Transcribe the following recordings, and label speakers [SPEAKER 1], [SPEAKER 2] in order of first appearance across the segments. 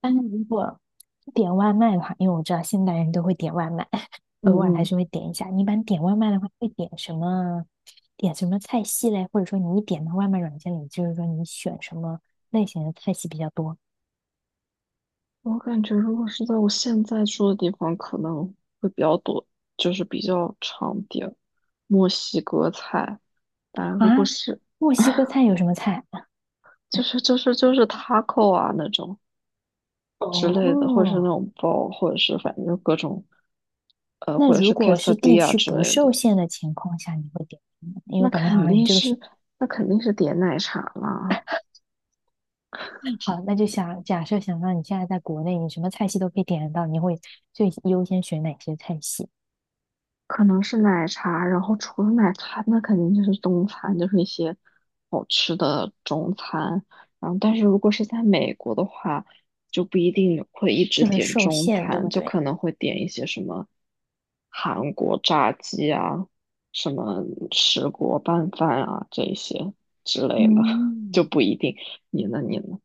[SPEAKER 1] 但是如果点外卖的话，因为我知道现代人都会点外卖，
[SPEAKER 2] 嗯
[SPEAKER 1] 偶尔还
[SPEAKER 2] 嗯，
[SPEAKER 1] 是会点一下。你一般点外卖的话，会点什么？点什么菜系嘞？或者说你一点到外卖软件里，就是说你选什么类型的菜系比较多
[SPEAKER 2] 我感觉如果是在我现在住的地方，可能会比较多，就是比较常点墨西哥菜。但
[SPEAKER 1] 啊？
[SPEAKER 2] 如果是
[SPEAKER 1] 墨西哥菜有什么菜？
[SPEAKER 2] 就 是就是就是 taco 啊那种之类的，或者是那
[SPEAKER 1] 哦，
[SPEAKER 2] 种包，或者是反正就各种
[SPEAKER 1] 那
[SPEAKER 2] 或者
[SPEAKER 1] 如
[SPEAKER 2] 是
[SPEAKER 1] 果是地
[SPEAKER 2] quesadilla
[SPEAKER 1] 区
[SPEAKER 2] 之
[SPEAKER 1] 不
[SPEAKER 2] 类
[SPEAKER 1] 受
[SPEAKER 2] 的，
[SPEAKER 1] 限的情况下，你会点什么？因
[SPEAKER 2] 那
[SPEAKER 1] 为感觉好
[SPEAKER 2] 肯
[SPEAKER 1] 像你
[SPEAKER 2] 定
[SPEAKER 1] 这个是。
[SPEAKER 2] 是那肯定是点奶茶啦。
[SPEAKER 1] 好，那就想假设想让你现在在国内，你什么菜系都可以点得到，你会最优先选哪些菜系？
[SPEAKER 2] 可能是奶茶，然后除了奶茶，那肯定就是中餐，就是一些好吃的中餐。然后，但是如果是在美国的话，就不一定会一直
[SPEAKER 1] 就很
[SPEAKER 2] 点
[SPEAKER 1] 受
[SPEAKER 2] 中
[SPEAKER 1] 限，对
[SPEAKER 2] 餐，
[SPEAKER 1] 不
[SPEAKER 2] 就
[SPEAKER 1] 对？
[SPEAKER 2] 可能会点一些什么韩国炸鸡啊，什么石锅拌饭啊这一些之类的，就
[SPEAKER 1] 嗯，
[SPEAKER 2] 不一定。你呢？你呢？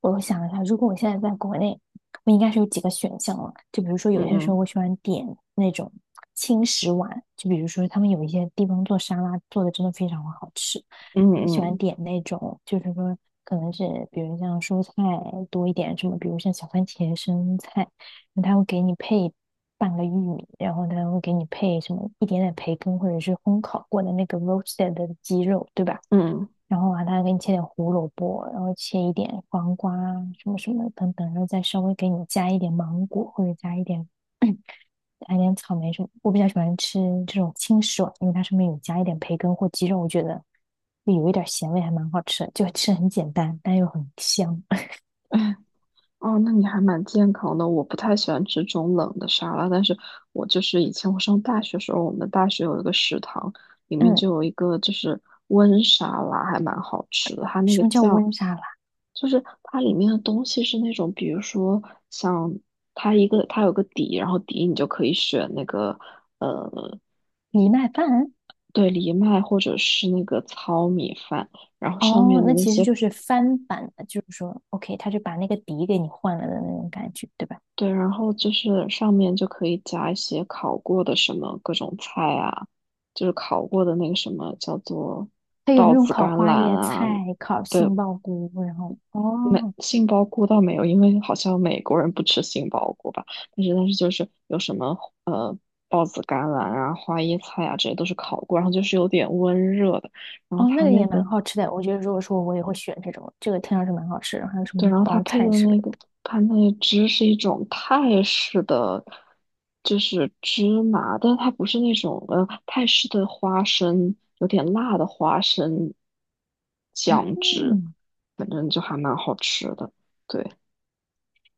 [SPEAKER 1] 我想一下，如果我现在在国内，我应该是有几个选项了。就比如说，
[SPEAKER 2] 嗯
[SPEAKER 1] 有些时候
[SPEAKER 2] 嗯
[SPEAKER 1] 我喜欢点那种轻食碗，就比如说他们有一些地方做沙拉做的真的非常好吃。我喜欢
[SPEAKER 2] 嗯
[SPEAKER 1] 点那种，就是说可能是比如像蔬菜多一点，什么比如像小番茄、生菜，那他会给你配半个玉米，然后他会给你配什么一点点培根或者是烘烤过的那个 roasted 的鸡肉，对吧？
[SPEAKER 2] 嗯
[SPEAKER 1] 然后啊，他给你切点胡萝卜，然后切一点黄瓜啊什么什么等等，然后再稍微给你加一点芒果或者加一点 加一点草莓什么。我比较喜欢吃这种清爽，因为它上面有加一点培根或鸡肉，我觉得就有一点咸味，还蛮好吃的，就吃很简单，但又很香。
[SPEAKER 2] 嗯。哦，那你还蛮健康的。我不太喜欢吃这种冷的沙拉，但是我就是以前我上大学时候，我们大学有一个食堂，里面
[SPEAKER 1] 嗯，
[SPEAKER 2] 就有一个就是温沙拉，还蛮好吃的。它那
[SPEAKER 1] 什
[SPEAKER 2] 个
[SPEAKER 1] 么叫
[SPEAKER 2] 酱，
[SPEAKER 1] 温沙拉？
[SPEAKER 2] 就是它里面的东西是那种，比如说像它有个底，然后底你就可以选那个呃
[SPEAKER 1] 藜麦饭？
[SPEAKER 2] 对藜麦或者是那个糙米饭，然后上
[SPEAKER 1] 哦，
[SPEAKER 2] 面的
[SPEAKER 1] 那
[SPEAKER 2] 那
[SPEAKER 1] 其实
[SPEAKER 2] 些
[SPEAKER 1] 就是翻版的，就是说，OK，他就把那个底给你换了的那种感觉，对吧？
[SPEAKER 2] 对，然后就是上面就可以加一些烤过的什么各种菜啊，就是烤过的那个什么叫做
[SPEAKER 1] 它有
[SPEAKER 2] 豆
[SPEAKER 1] 那种
[SPEAKER 2] 子
[SPEAKER 1] 烤
[SPEAKER 2] 甘
[SPEAKER 1] 花
[SPEAKER 2] 蓝
[SPEAKER 1] 椰
[SPEAKER 2] 啊，
[SPEAKER 1] 菜、烤
[SPEAKER 2] 对，
[SPEAKER 1] 杏鲍菇，然后哦。
[SPEAKER 2] 杏鲍菇倒没有，因为好像美国人不吃杏鲍菇吧，但是就是有什么呃豹子甘蓝啊、花椰菜啊，这些都是烤过，然后就是有点温热的，然后
[SPEAKER 1] 哦，那
[SPEAKER 2] 它
[SPEAKER 1] 个
[SPEAKER 2] 那
[SPEAKER 1] 也蛮
[SPEAKER 2] 个
[SPEAKER 1] 好吃的。我觉得如果说我也会选这种，这个听上去蛮好吃。然后还有什
[SPEAKER 2] 对，
[SPEAKER 1] 么
[SPEAKER 2] 然后
[SPEAKER 1] 包菜之类的，
[SPEAKER 2] 它那个汁是一种泰式的，就是芝麻，但是它不是那种泰式的花生，有点辣的花生酱汁，
[SPEAKER 1] 嗯，
[SPEAKER 2] 反正就还蛮好吃的。对，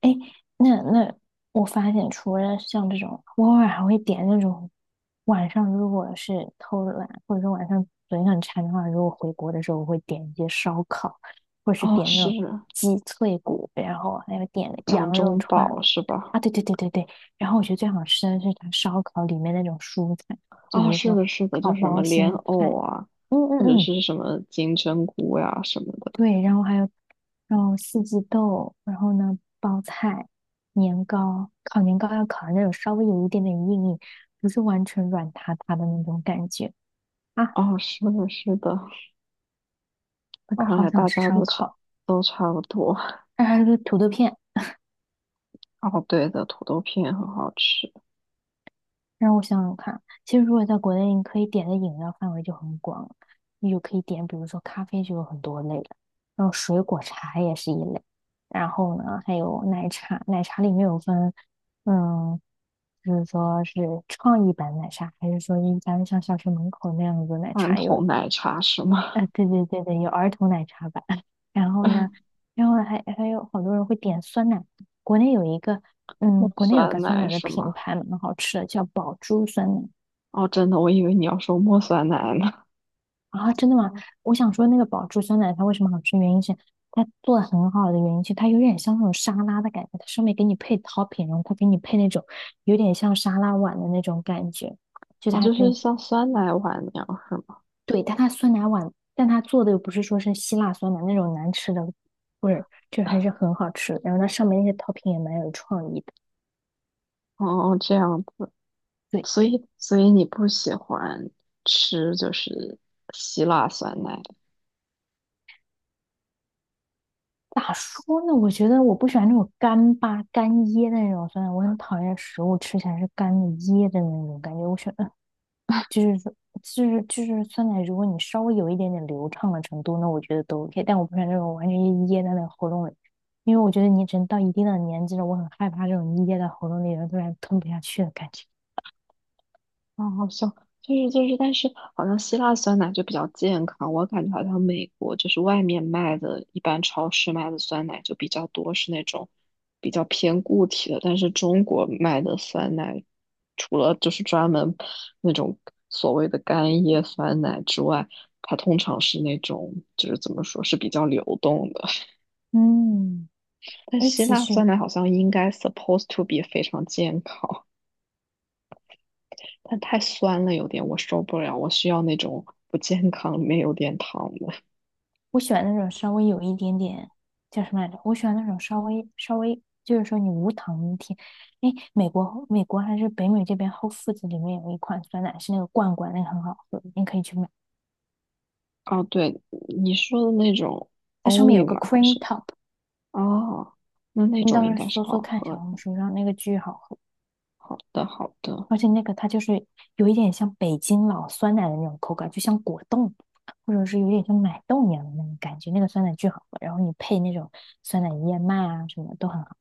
[SPEAKER 1] 哎，那我发现，除了像这种，我偶尔还会点那种晚上，如果是偷懒，或者说晚上嘴很馋的话，如果回国的时候，我会点一些烧烤，或是
[SPEAKER 2] 哦，
[SPEAKER 1] 点那
[SPEAKER 2] 是
[SPEAKER 1] 种鸡脆骨，然后还有点
[SPEAKER 2] 掌
[SPEAKER 1] 羊肉
[SPEAKER 2] 中
[SPEAKER 1] 串。
[SPEAKER 2] 宝是吧？
[SPEAKER 1] 啊，对对对对对，然后我觉得最好吃的是它烧烤里面那种蔬菜，就比
[SPEAKER 2] 哦，
[SPEAKER 1] 如
[SPEAKER 2] 是
[SPEAKER 1] 说
[SPEAKER 2] 的，是的，
[SPEAKER 1] 烤
[SPEAKER 2] 就是什么
[SPEAKER 1] 包
[SPEAKER 2] 莲
[SPEAKER 1] 心
[SPEAKER 2] 藕
[SPEAKER 1] 菜，
[SPEAKER 2] 啊，
[SPEAKER 1] 嗯嗯
[SPEAKER 2] 或者
[SPEAKER 1] 嗯，
[SPEAKER 2] 是什么金针菇呀、什么的。
[SPEAKER 1] 对，然后还有，然后四季豆，然后呢，包菜、年糕，烤年糕要烤的那种稍微有一点点硬硬，不是完全软塌塌的那种感觉啊！
[SPEAKER 2] 哦，是的，是的，那
[SPEAKER 1] 我
[SPEAKER 2] 看
[SPEAKER 1] 好
[SPEAKER 2] 来
[SPEAKER 1] 想
[SPEAKER 2] 大
[SPEAKER 1] 吃
[SPEAKER 2] 家
[SPEAKER 1] 烧烤，
[SPEAKER 2] 都差不多。
[SPEAKER 1] 还有个土豆片，
[SPEAKER 2] 哦，对的，土豆片很好吃，
[SPEAKER 1] 让我想想看，其实如果在国内，你可以点的饮料范围就很广，你就可以点，比如说咖啡就有很多类了，然后水果茶也是一类，然后呢，还有奶茶，奶茶里面有分，嗯，就是说是创意版奶茶，还是说一般像小学门口那样子的奶
[SPEAKER 2] 罐
[SPEAKER 1] 茶有，
[SPEAKER 2] 头奶茶是吗？
[SPEAKER 1] 啊、对对对对，有儿童奶茶版，然后呢，然后还有好多人会点酸奶，国内有一个。
[SPEAKER 2] 茉
[SPEAKER 1] 嗯，国内有一个
[SPEAKER 2] 酸
[SPEAKER 1] 酸
[SPEAKER 2] 奶
[SPEAKER 1] 奶的
[SPEAKER 2] 是
[SPEAKER 1] 品
[SPEAKER 2] 吗？
[SPEAKER 1] 牌蛮好吃的，叫宝珠酸奶。
[SPEAKER 2] 哦，真的，我以为你要说茉酸奶呢。
[SPEAKER 1] 啊，真的吗？我想说那个宝珠酸奶它为什么好吃，原因是它做的很好的原因是它有点像那种沙拉的感觉，它上面给你配 topping，然后它给你配那种有点像沙拉碗的那种感觉，就
[SPEAKER 2] 哦，
[SPEAKER 1] 它
[SPEAKER 2] 就
[SPEAKER 1] 给
[SPEAKER 2] 是
[SPEAKER 1] 你
[SPEAKER 2] 像酸奶碗那样是吗？
[SPEAKER 1] 对，但它酸奶碗，但它做的又不是说是希腊酸奶那种难吃的味儿，就还是很好吃的，然后它上面那些 topping 也蛮有创意的。
[SPEAKER 2] 哦，这样子，
[SPEAKER 1] 对，
[SPEAKER 2] 所以你不喜欢吃就是希腊酸奶
[SPEAKER 1] 咋说呢？我觉得我不喜欢那种干巴干噎的那种酸奶，我很讨厌食物吃起来是干的噎的那种感觉，我喜欢。就是说，就是酸奶，如果你稍微有一点点流畅的程度，那我觉得都 OK。但我不喜欢那种完全噎在那个喉咙里，因为我觉得你只能到一定的年纪了，我很害怕这种噎在喉咙里，然后突然吞不下去的感觉。
[SPEAKER 2] 啊，好像就是，但是好像希腊酸奶就比较健康，我感觉好像美国就是外面卖的，一般超市卖的酸奶就比较多是那种比较偏固体的，但是中国卖的酸奶，除了就是专门那种所谓的干叶酸奶之外，它通常是那种就是怎么说是比较流动的，
[SPEAKER 1] 嗯，
[SPEAKER 2] 但
[SPEAKER 1] 哎，
[SPEAKER 2] 希
[SPEAKER 1] 其
[SPEAKER 2] 腊
[SPEAKER 1] 实
[SPEAKER 2] 酸奶好像应该 supposed to be 非常健康。它太酸了，有点我受不了，我需要那种不健康里面有点糖的。
[SPEAKER 1] 我喜欢那种稍微有一点点叫什么来着？我喜欢那种稍微稍微，就是说你无糖甜。哎，美国还是北美这边 w h 子里面有一款酸奶是那个罐罐，那个很好喝，你可以去买。
[SPEAKER 2] 哦，对，你说的那种
[SPEAKER 1] 它上面有
[SPEAKER 2] Oli
[SPEAKER 1] 个
[SPEAKER 2] 吗？
[SPEAKER 1] cream top，
[SPEAKER 2] 哦，那那
[SPEAKER 1] 你到
[SPEAKER 2] 种
[SPEAKER 1] 时
[SPEAKER 2] 应
[SPEAKER 1] 候
[SPEAKER 2] 该是
[SPEAKER 1] 搜
[SPEAKER 2] 好
[SPEAKER 1] 搜看
[SPEAKER 2] 喝
[SPEAKER 1] 小红
[SPEAKER 2] 的。
[SPEAKER 1] 书上那个巨好喝，
[SPEAKER 2] 好的，好的，
[SPEAKER 1] 而且那个它就是有一点像北京老酸奶的那种口感，就像果冻，或者是有点像奶冻一样的那种感觉。那个酸奶巨好喝，然后你配那种酸奶燕麦啊什么都很好。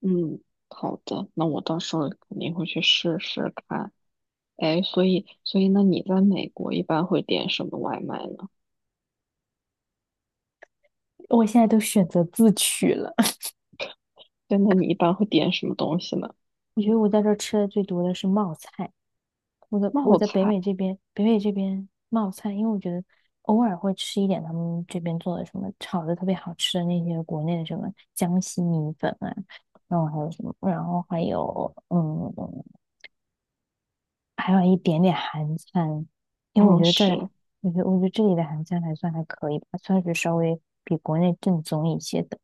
[SPEAKER 2] 嗯，好的，那我到时候肯定会去试试看。哎，所以那你在美国一般会点什么外卖呢？
[SPEAKER 1] 我现在都选择自取了。
[SPEAKER 2] 对，那你一般会点什么东西呢？
[SPEAKER 1] 我觉得我在这儿吃的最多的是冒菜，我在我
[SPEAKER 2] 冒
[SPEAKER 1] 在北
[SPEAKER 2] 菜，
[SPEAKER 1] 美这边，北美这边冒菜，因为我觉得偶尔会吃一点他们这边做的什么炒的特别好吃的那些国内的什么江西米粉啊，然后还有什么，然后还有还有一点点韩餐，因为我
[SPEAKER 2] 嗯，
[SPEAKER 1] 觉得这里，
[SPEAKER 2] 是，
[SPEAKER 1] 我觉得这里的韩餐还算还可以吧，算是稍微比国内正宗一些，的。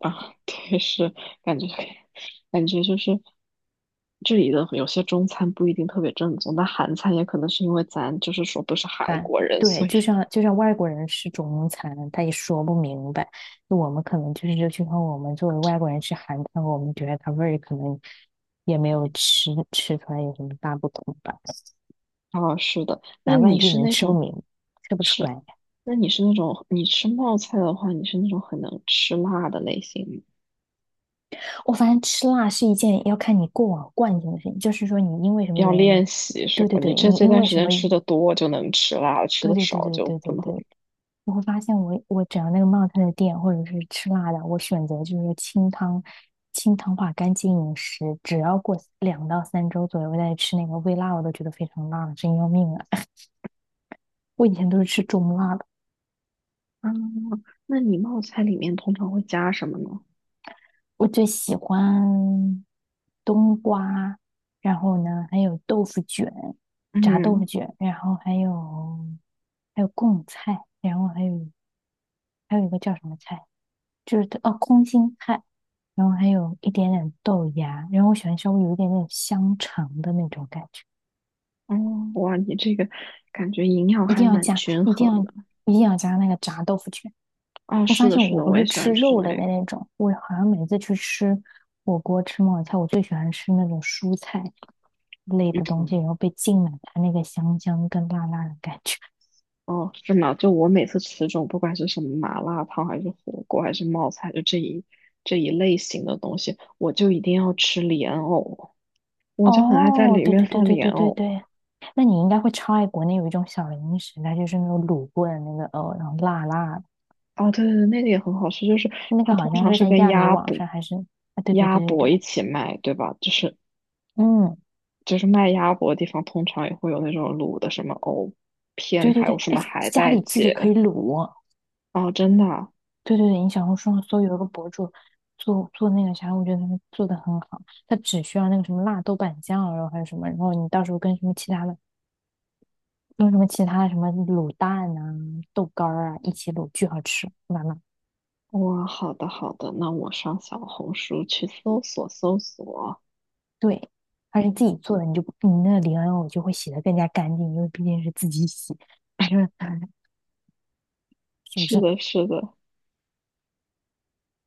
[SPEAKER 2] 啊，对，是感觉感觉就是这里的有些中餐不一定特别正宗，但韩餐也可能是因为咱就是说不是韩
[SPEAKER 1] 白，
[SPEAKER 2] 国人，
[SPEAKER 1] 对，
[SPEAKER 2] 所以
[SPEAKER 1] 就像外国人吃中餐，他也说不明白。就我们可能就是，就像我们作为外国人吃韩餐，我们觉得它味儿可能也没有吃出来有什么大不同吧。
[SPEAKER 2] 啊，是的。
[SPEAKER 1] 咱外地人吃不明，吃不出
[SPEAKER 2] 是，
[SPEAKER 1] 来。
[SPEAKER 2] 那你是那种你吃冒菜的话，你是那种很能吃辣的类型吗，
[SPEAKER 1] 我发现吃辣是一件要看你过往惯性的事情，就是说你因为什么
[SPEAKER 2] 要
[SPEAKER 1] 原因，
[SPEAKER 2] 练习是
[SPEAKER 1] 对
[SPEAKER 2] 吧？
[SPEAKER 1] 对
[SPEAKER 2] 你
[SPEAKER 1] 对，
[SPEAKER 2] 这
[SPEAKER 1] 你
[SPEAKER 2] 这
[SPEAKER 1] 因
[SPEAKER 2] 段
[SPEAKER 1] 为
[SPEAKER 2] 时
[SPEAKER 1] 什
[SPEAKER 2] 间
[SPEAKER 1] 么，
[SPEAKER 2] 吃的多就能吃辣，吃
[SPEAKER 1] 对
[SPEAKER 2] 的
[SPEAKER 1] 对对
[SPEAKER 2] 少
[SPEAKER 1] 对
[SPEAKER 2] 就
[SPEAKER 1] 对
[SPEAKER 2] 不
[SPEAKER 1] 对
[SPEAKER 2] 能。
[SPEAKER 1] 对，我会发现我只要那个冒菜的店或者是吃辣的，我选择就是清汤，清汤化干净饮食，只要过2到3周左右我再吃那个微辣，我都觉得非常辣了真要命啊！我以前都是吃中辣的，
[SPEAKER 2] 啊，那你冒菜里面通常会加什么呢？
[SPEAKER 1] 我最喜欢冬瓜，然后呢还有豆腐卷，炸豆腐
[SPEAKER 2] 嗯
[SPEAKER 1] 卷，然后还有贡菜，然后还有一个叫什么菜？就是哦，空心菜，然后还有一点点豆芽，然后我喜欢稍微有一点点香肠的那种感觉，
[SPEAKER 2] 哦，哇，你这个感觉营养
[SPEAKER 1] 一定
[SPEAKER 2] 还
[SPEAKER 1] 要
[SPEAKER 2] 蛮
[SPEAKER 1] 加，
[SPEAKER 2] 均
[SPEAKER 1] 一定
[SPEAKER 2] 衡
[SPEAKER 1] 要
[SPEAKER 2] 的。
[SPEAKER 1] 一定要加那个炸豆腐卷。
[SPEAKER 2] 啊！
[SPEAKER 1] 我
[SPEAKER 2] 是
[SPEAKER 1] 发
[SPEAKER 2] 的，
[SPEAKER 1] 现
[SPEAKER 2] 是
[SPEAKER 1] 我
[SPEAKER 2] 的，
[SPEAKER 1] 不
[SPEAKER 2] 我也
[SPEAKER 1] 是
[SPEAKER 2] 喜
[SPEAKER 1] 吃
[SPEAKER 2] 欢吃
[SPEAKER 1] 肉
[SPEAKER 2] 那
[SPEAKER 1] 类
[SPEAKER 2] 个。
[SPEAKER 1] 的那种，我好像每次去吃火锅、吃冒菜，我最喜欢吃那种蔬菜类的东
[SPEAKER 2] 嗯，
[SPEAKER 1] 西，然后被浸满它那个香香跟辣辣的感觉。
[SPEAKER 2] 哦，是吗？就我每次吃这种，不管是什么麻辣烫，还是火锅，还是冒菜，就这一类型的东西，我就一定要吃莲藕，我就很爱在
[SPEAKER 1] 哦，
[SPEAKER 2] 里
[SPEAKER 1] 对
[SPEAKER 2] 面
[SPEAKER 1] 对对
[SPEAKER 2] 放
[SPEAKER 1] 对
[SPEAKER 2] 莲
[SPEAKER 1] 对对
[SPEAKER 2] 藕。
[SPEAKER 1] 对。那你应该会超爱国内有一种小零食，它就是那种卤过的那个然后辣辣的。
[SPEAKER 2] 哦，对对对，那个也很好吃，就是
[SPEAKER 1] 那个
[SPEAKER 2] 它通
[SPEAKER 1] 好像
[SPEAKER 2] 常
[SPEAKER 1] 是
[SPEAKER 2] 是
[SPEAKER 1] 在
[SPEAKER 2] 跟
[SPEAKER 1] 亚米
[SPEAKER 2] 鸭
[SPEAKER 1] 网
[SPEAKER 2] 脖、
[SPEAKER 1] 上还是啊？对对
[SPEAKER 2] 鸭
[SPEAKER 1] 对对
[SPEAKER 2] 脖
[SPEAKER 1] 对，
[SPEAKER 2] 一起卖，对吧？就是
[SPEAKER 1] 嗯，
[SPEAKER 2] 就是卖鸭脖的地方，通常也会有那种卤的什么藕片，
[SPEAKER 1] 对对
[SPEAKER 2] 还
[SPEAKER 1] 对，
[SPEAKER 2] 有什
[SPEAKER 1] 哎，
[SPEAKER 2] 么海
[SPEAKER 1] 家
[SPEAKER 2] 带
[SPEAKER 1] 里自己可
[SPEAKER 2] 结。
[SPEAKER 1] 以卤，
[SPEAKER 2] 哦，真的啊
[SPEAKER 1] 对对对，你小红书上搜有一个博主做做那个啥，我觉得他们做的很好，他只需要那个什么辣豆瓣酱啊，然后还有什么，然后你到时候跟什么其他的，用什么其他的什么卤蛋啊、豆干儿啊一起卤，巨好吃，妈妈。
[SPEAKER 2] 哇，好的好的，那我上小红书去搜索搜索。
[SPEAKER 1] 对，而且自己做的，你那个莲藕就会洗的更加干净，因为毕竟是自己洗，你这 是不
[SPEAKER 2] 是
[SPEAKER 1] 是？
[SPEAKER 2] 的，是的，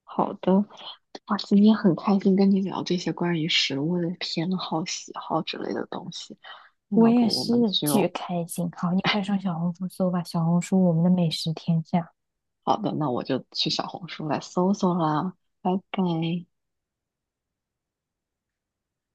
[SPEAKER 2] 好的。哇，今天很开心跟你聊这些关于食物的偏好、喜好之类的东西。那
[SPEAKER 1] 我
[SPEAKER 2] 要
[SPEAKER 1] 也
[SPEAKER 2] 不我
[SPEAKER 1] 是
[SPEAKER 2] 们
[SPEAKER 1] 巨
[SPEAKER 2] 就，
[SPEAKER 1] 开心。好，你快上小红书搜吧，小红书我们的美食天下。
[SPEAKER 2] 好的，那我就去小红书来搜搜啦。拜拜。